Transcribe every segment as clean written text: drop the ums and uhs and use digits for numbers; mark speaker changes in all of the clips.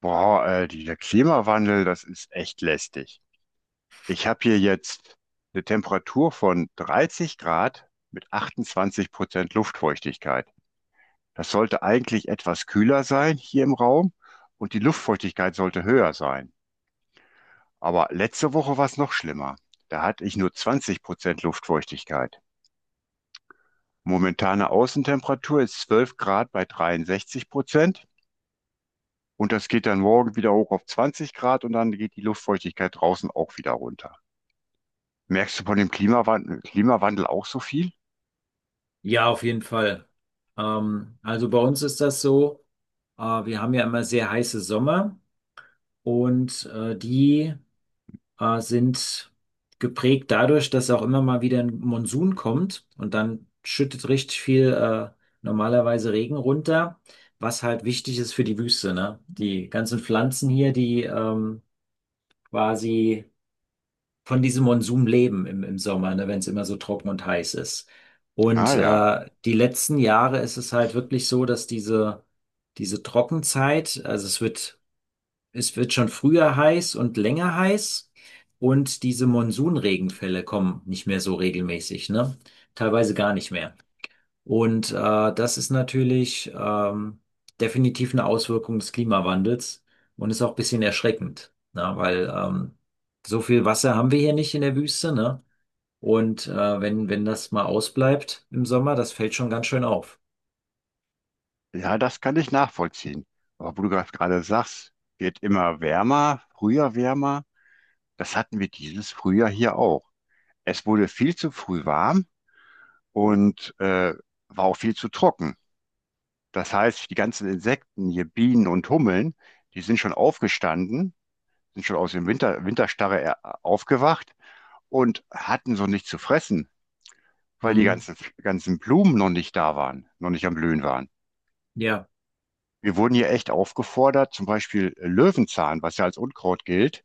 Speaker 1: Dieser Klimawandel, das ist echt lästig. Ich habe hier jetzt eine Temperatur von 30 Grad mit 28% Luftfeuchtigkeit. Das sollte eigentlich etwas kühler sein hier im Raum und die Luftfeuchtigkeit sollte höher sein. Aber letzte Woche war es noch schlimmer. Da hatte ich nur 20% Luftfeuchtigkeit. Momentane Außentemperatur ist 12 Grad bei 63% und das geht dann morgen wieder hoch auf 20 Grad und dann geht die Luftfeuchtigkeit draußen auch wieder runter. Merkst du von dem Klimawandel auch so viel?
Speaker 2: Ja, auf jeden Fall. Also bei uns ist das so, wir haben ja immer sehr heiße Sommer und die sind geprägt dadurch, dass auch immer mal wieder ein Monsun kommt und dann schüttet richtig viel normalerweise Regen runter, was halt wichtig ist für die Wüste, ne? Die ganzen Pflanzen hier, die quasi von diesem Monsum leben im Sommer, ne, wenn es immer so trocken und heiß ist.
Speaker 1: Ah
Speaker 2: Und
Speaker 1: ja,
Speaker 2: die letzten Jahre ist es halt wirklich so, dass diese Trockenzeit, also es wird schon früher heiß und länger heiß und diese Monsunregenfälle kommen nicht mehr so regelmäßig, ne? Teilweise gar nicht mehr. Und das ist natürlich definitiv eine Auswirkung des Klimawandels und ist auch ein bisschen erschreckend, ne? Weil so viel Wasser haben wir hier nicht in der Wüste, ne? Und wenn das mal ausbleibt im Sommer, das fällt schon ganz schön auf.
Speaker 1: ja, das kann ich nachvollziehen. Aber wo du gerade sagst, wird immer wärmer, früher wärmer. Das hatten wir dieses Frühjahr hier auch. Es wurde viel zu früh warm und war auch viel zu trocken. Das heißt, die ganzen Insekten, hier Bienen und Hummeln, die sind schon aufgestanden, sind schon aus dem Winterstarre aufgewacht und hatten so nichts zu fressen, weil die
Speaker 2: Mhm.
Speaker 1: ganzen Blumen noch nicht da waren, noch nicht am Blühen waren.
Speaker 2: Ja,
Speaker 1: Wir wurden hier echt aufgefordert, zum Beispiel Löwenzahn, was ja als Unkraut gilt,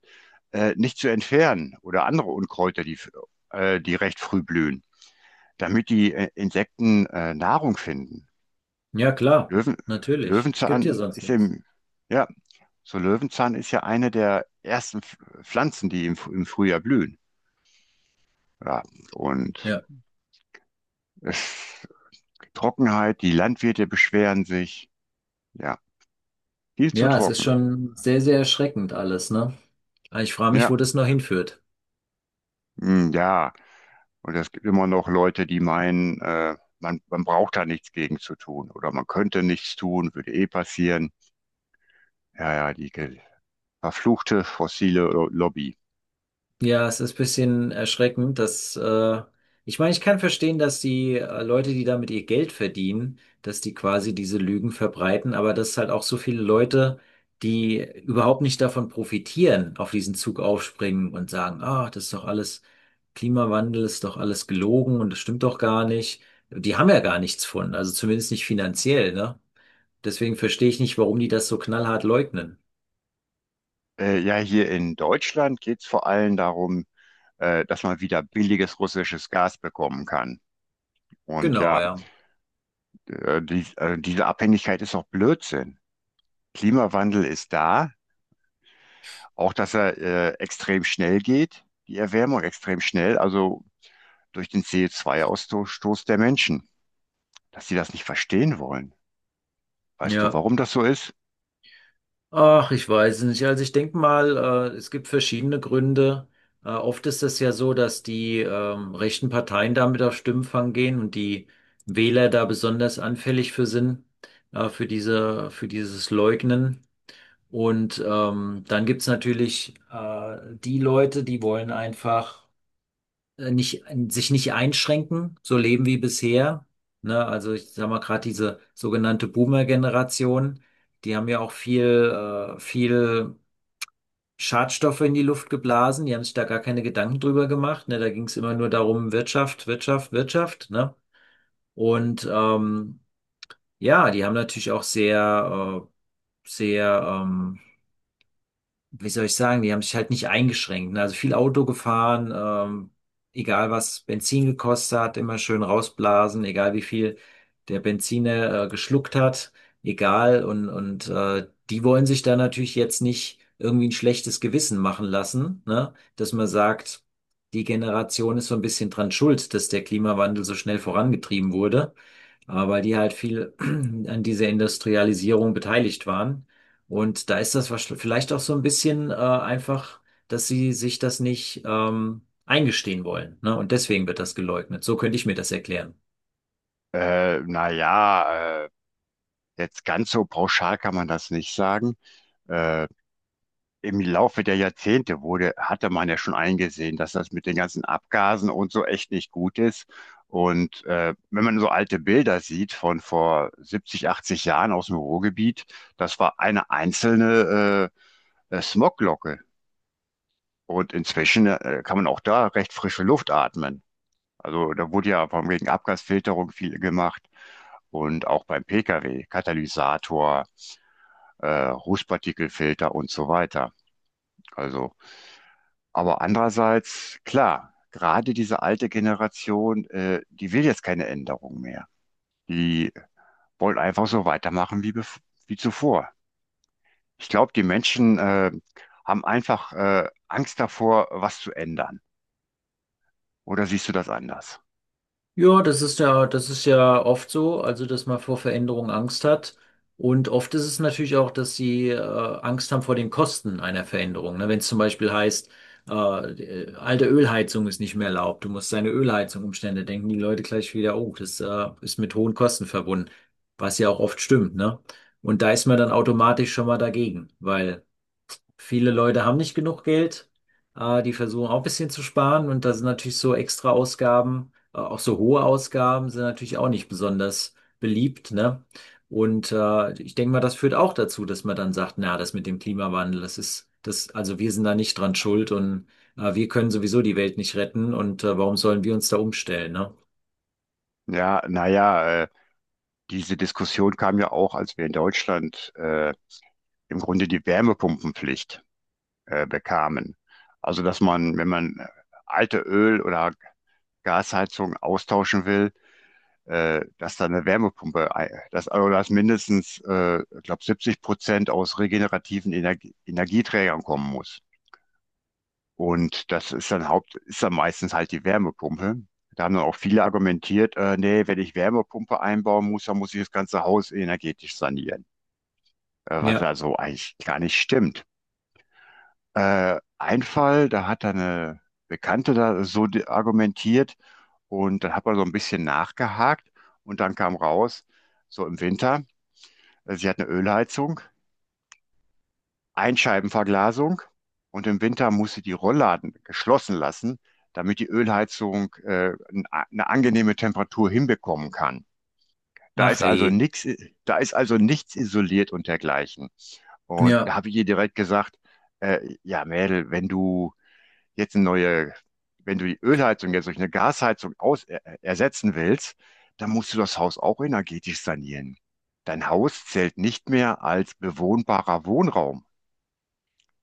Speaker 1: nicht zu entfernen oder andere Unkräuter, die recht früh blühen, damit die Insekten Nahrung finden.
Speaker 2: ja, klar,
Speaker 1: Löwen,
Speaker 2: natürlich. Es gibt hier
Speaker 1: Löwenzahn
Speaker 2: sonst
Speaker 1: ist
Speaker 2: nichts.
Speaker 1: im, ja, so Löwenzahn ist ja eine der ersten Pflanzen, die im, im Frühjahr blühen. Ja, und
Speaker 2: Ja.
Speaker 1: es, Trockenheit, die Landwirte beschweren sich. Ja, viel zu
Speaker 2: Ja, es ist
Speaker 1: trocken.
Speaker 2: schon sehr, sehr erschreckend alles, ne? Ich frage mich, wo
Speaker 1: Ja,
Speaker 2: das noch hinführt.
Speaker 1: hm, ja. Und es gibt immer noch Leute, die meinen, man braucht da nichts gegen zu tun oder man könnte nichts tun, würde eh passieren. Ja, ja, verfluchte fossile Lobby.
Speaker 2: Ja, es ist ein bisschen erschreckend, dass ich meine, ich kann verstehen, dass die Leute, die damit ihr Geld verdienen, dass die quasi diese Lügen verbreiten, aber dass es halt auch so viele Leute, die überhaupt nicht davon profitieren, auf diesen Zug aufspringen und sagen, ah, das ist doch alles Klimawandel, ist doch alles gelogen und das stimmt doch gar nicht. Die haben ja gar nichts von, also zumindest nicht finanziell, ne? Deswegen verstehe ich nicht, warum die das so knallhart leugnen.
Speaker 1: Ja, Hier in Deutschland geht es vor allem darum, dass man wieder billiges russisches Gas bekommen kann. Und
Speaker 2: Genau,
Speaker 1: ja,
Speaker 2: ja.
Speaker 1: diese Abhängigkeit ist doch Blödsinn. Klimawandel ist da, auch dass er extrem schnell geht, die Erwärmung extrem schnell, also durch den CO2 ausstoß der Menschen. Dass sie das nicht verstehen wollen. Weißt du,
Speaker 2: Ja.
Speaker 1: warum das so ist?
Speaker 2: Ach, ich weiß nicht. Also ich denke mal, es gibt verschiedene Gründe. Oft ist es ja so, dass die rechten Parteien damit auf Stimmenfang gehen und die Wähler da besonders anfällig für sind, für dieses Leugnen. Und dann gibt's natürlich die Leute, die wollen einfach nicht, sich nicht einschränken, so leben wie bisher. Ne? Also ich sag mal gerade diese sogenannte Boomer-Generation, die haben ja auch viel Schadstoffe in die Luft geblasen, die haben sich da gar keine Gedanken drüber gemacht. Ne? Da ging es immer nur darum, Wirtschaft, Wirtschaft, Wirtschaft. Ne? Und ja, die haben natürlich auch sehr, wie soll ich sagen, die haben sich halt nicht eingeschränkt. Ne? Also viel Auto gefahren, egal was Benzin gekostet hat, immer schön rausblasen, egal wie viel der Benziner geschluckt hat, egal. Und die wollen sich da natürlich jetzt nicht irgendwie ein schlechtes Gewissen machen lassen, ne? Dass man sagt, die Generation ist so ein bisschen dran schuld, dass der Klimawandel so schnell vorangetrieben wurde, aber weil die halt viel an dieser Industrialisierung beteiligt waren. Und da ist das vielleicht auch so ein bisschen einfach, dass sie sich das nicht eingestehen wollen, ne? Und deswegen wird das geleugnet. So könnte ich mir das erklären.
Speaker 1: Äh, naja, äh, Jetzt ganz so pauschal kann man das nicht sagen. Äh, Im Laufe der hatte man ja schon eingesehen, dass das mit den ganzen Abgasen und so echt nicht gut ist. Und wenn man so alte Bilder sieht von vor 70, 80 Jahren aus dem Ruhrgebiet, das war eine einzelne Smoglocke. Und inzwischen kann man auch da recht frische Luft atmen. Also da wurde ja von wegen Abgasfilterung viel gemacht und auch beim Pkw, Katalysator, Rußpartikelfilter und so weiter. Also, aber andererseits, klar, gerade diese alte Generation, die will jetzt keine Änderung mehr. Die wollen einfach so weitermachen wie zuvor. Ich glaube, die haben Angst davor, was zu ändern. Oder siehst du das anders?
Speaker 2: Ja, das ist ja, das ist ja oft so, also dass man vor Veränderungen Angst hat. Und oft ist es natürlich auch, dass sie Angst haben vor den Kosten einer Veränderung. Ne? Wenn es zum Beispiel heißt, die alte Ölheizung ist nicht mehr erlaubt, du musst deine Ölheizung umstellen, da denken die Leute gleich wieder, oh, das ist mit hohen Kosten verbunden, was ja auch oft stimmt, ne? Und da ist man dann automatisch schon mal dagegen, weil viele Leute haben nicht genug Geld, die versuchen auch ein bisschen zu sparen und da sind natürlich so extra Ausgaben, auch so hohe Ausgaben sind natürlich auch nicht besonders beliebt, ne? Und ich denke mal, das führt auch dazu, dass man dann sagt, na, das mit dem Klimawandel, also wir sind da nicht dran schuld und wir können sowieso die Welt nicht retten und warum sollen wir uns da umstellen, ne?
Speaker 1: Ja, naja, diese Diskussion kam ja auch, als wir in Deutschland im Grunde die Wärmepumpenpflicht bekamen. Also, dass man, wenn man alte Öl- oder Gasheizung austauschen will, dass da eine Wärmepumpe, dass, also dass mindestens, ich glaube, 70% aus regenerativen Energieträgern kommen muss. Und das ist dann meistens halt die Wärmepumpe. Da haben dann auch viele argumentiert, nee, wenn ich Wärmepumpe einbauen muss, dann muss ich das ganze Haus energetisch sanieren. Was
Speaker 2: Ja,
Speaker 1: also eigentlich gar nicht stimmt. Ein Fall, da hat eine Bekannte da so argumentiert und dann hat man so ein bisschen nachgehakt und dann kam raus, so im Winter, sie hat eine Ölheizung, Einscheibenverglasung und im Winter muss sie die Rollladen geschlossen lassen, damit die Ölheizung eine angenehme Temperatur hinbekommen kann. Da
Speaker 2: ach
Speaker 1: ist also
Speaker 2: hey.
Speaker 1: nichts, da ist also nichts isoliert und dergleichen. Und da
Speaker 2: Ja,
Speaker 1: habe ich ihr direkt gesagt, ja, Mädel, wenn du jetzt eine neue, wenn du die Ölheizung jetzt durch eine Gasheizung ersetzen willst, dann musst du das Haus auch energetisch sanieren. Dein Haus zählt nicht mehr als bewohnbarer Wohnraum.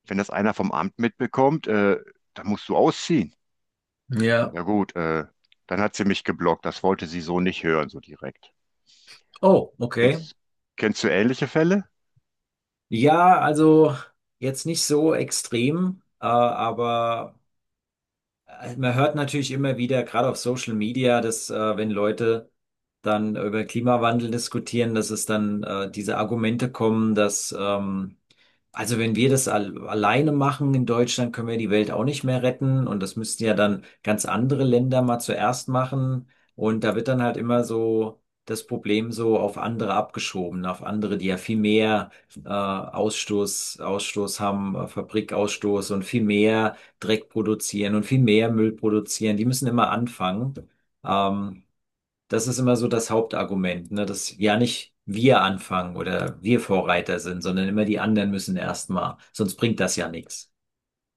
Speaker 1: Wenn das einer vom Amt mitbekommt, dann musst du ausziehen.
Speaker 2: ja.
Speaker 1: Ja gut, dann hat sie mich geblockt. Das wollte sie so nicht hören, so direkt.
Speaker 2: Oh, okay.
Speaker 1: Kennst, Kennst du ähnliche Fälle?
Speaker 2: Ja, also jetzt nicht so extrem, aber also man hört natürlich immer wieder, gerade auf Social Media, dass wenn Leute dann über Klimawandel diskutieren, dass es dann diese Argumente kommen, dass also wenn wir das al alleine machen in Deutschland, können wir die Welt auch nicht mehr retten. Und das müssten ja dann ganz andere Länder mal zuerst machen. Und da wird dann halt immer so das Problem so auf andere abgeschoben, auf andere, die ja viel mehr Ausstoß haben, Fabrikausstoß und viel mehr Dreck produzieren und viel mehr Müll produzieren. Die müssen immer anfangen. Ähm, das ist immer so das Hauptargument, ne? Dass ja nicht wir anfangen oder wir Vorreiter sind, sondern immer die anderen müssen erstmal. Sonst bringt das ja nichts.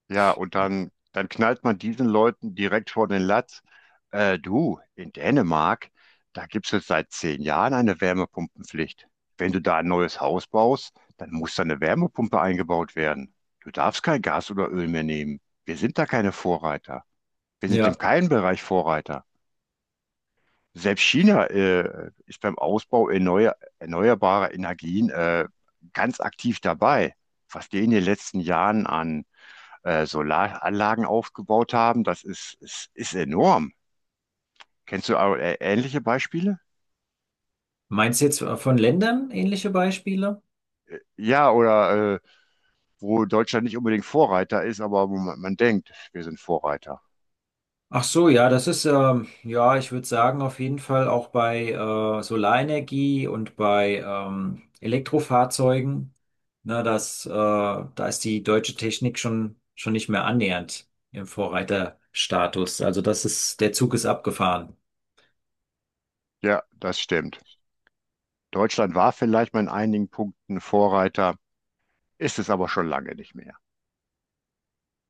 Speaker 1: Ja, und dann knallt man diesen Leuten direkt vor den Latz. Du, in Dänemark, da gibt es jetzt seit 10 Jahren eine Wärmepumpenpflicht. Wenn du da ein neues Haus baust, dann muss da eine Wärmepumpe eingebaut werden. Du darfst kein Gas oder Öl mehr nehmen. Wir sind da keine Vorreiter. Wir sind in
Speaker 2: Ja.
Speaker 1: keinem Bereich Vorreiter. Selbst China ist beim Ausbau erneuerbarer Energien ganz aktiv dabei. Was die in den letzten Jahren an Solaranlagen aufgebaut haben, das ist enorm. Kennst du auch, ähnliche Beispiele?
Speaker 2: Meinst du jetzt von Ländern ähnliche Beispiele?
Speaker 1: Ja, oder wo Deutschland nicht unbedingt Vorreiter ist, aber wo man denkt, wir sind Vorreiter.
Speaker 2: Ach so, ja, ja, ich würde sagen, auf jeden Fall auch bei Solarenergie und bei Elektrofahrzeugen. Na, da ist die deutsche Technik schon nicht mehr annähernd im Vorreiterstatus. Also das ist, der Zug ist abgefahren.
Speaker 1: Ja, das stimmt. Deutschland war vielleicht mal in einigen Punkten Vorreiter, ist es aber schon lange nicht mehr.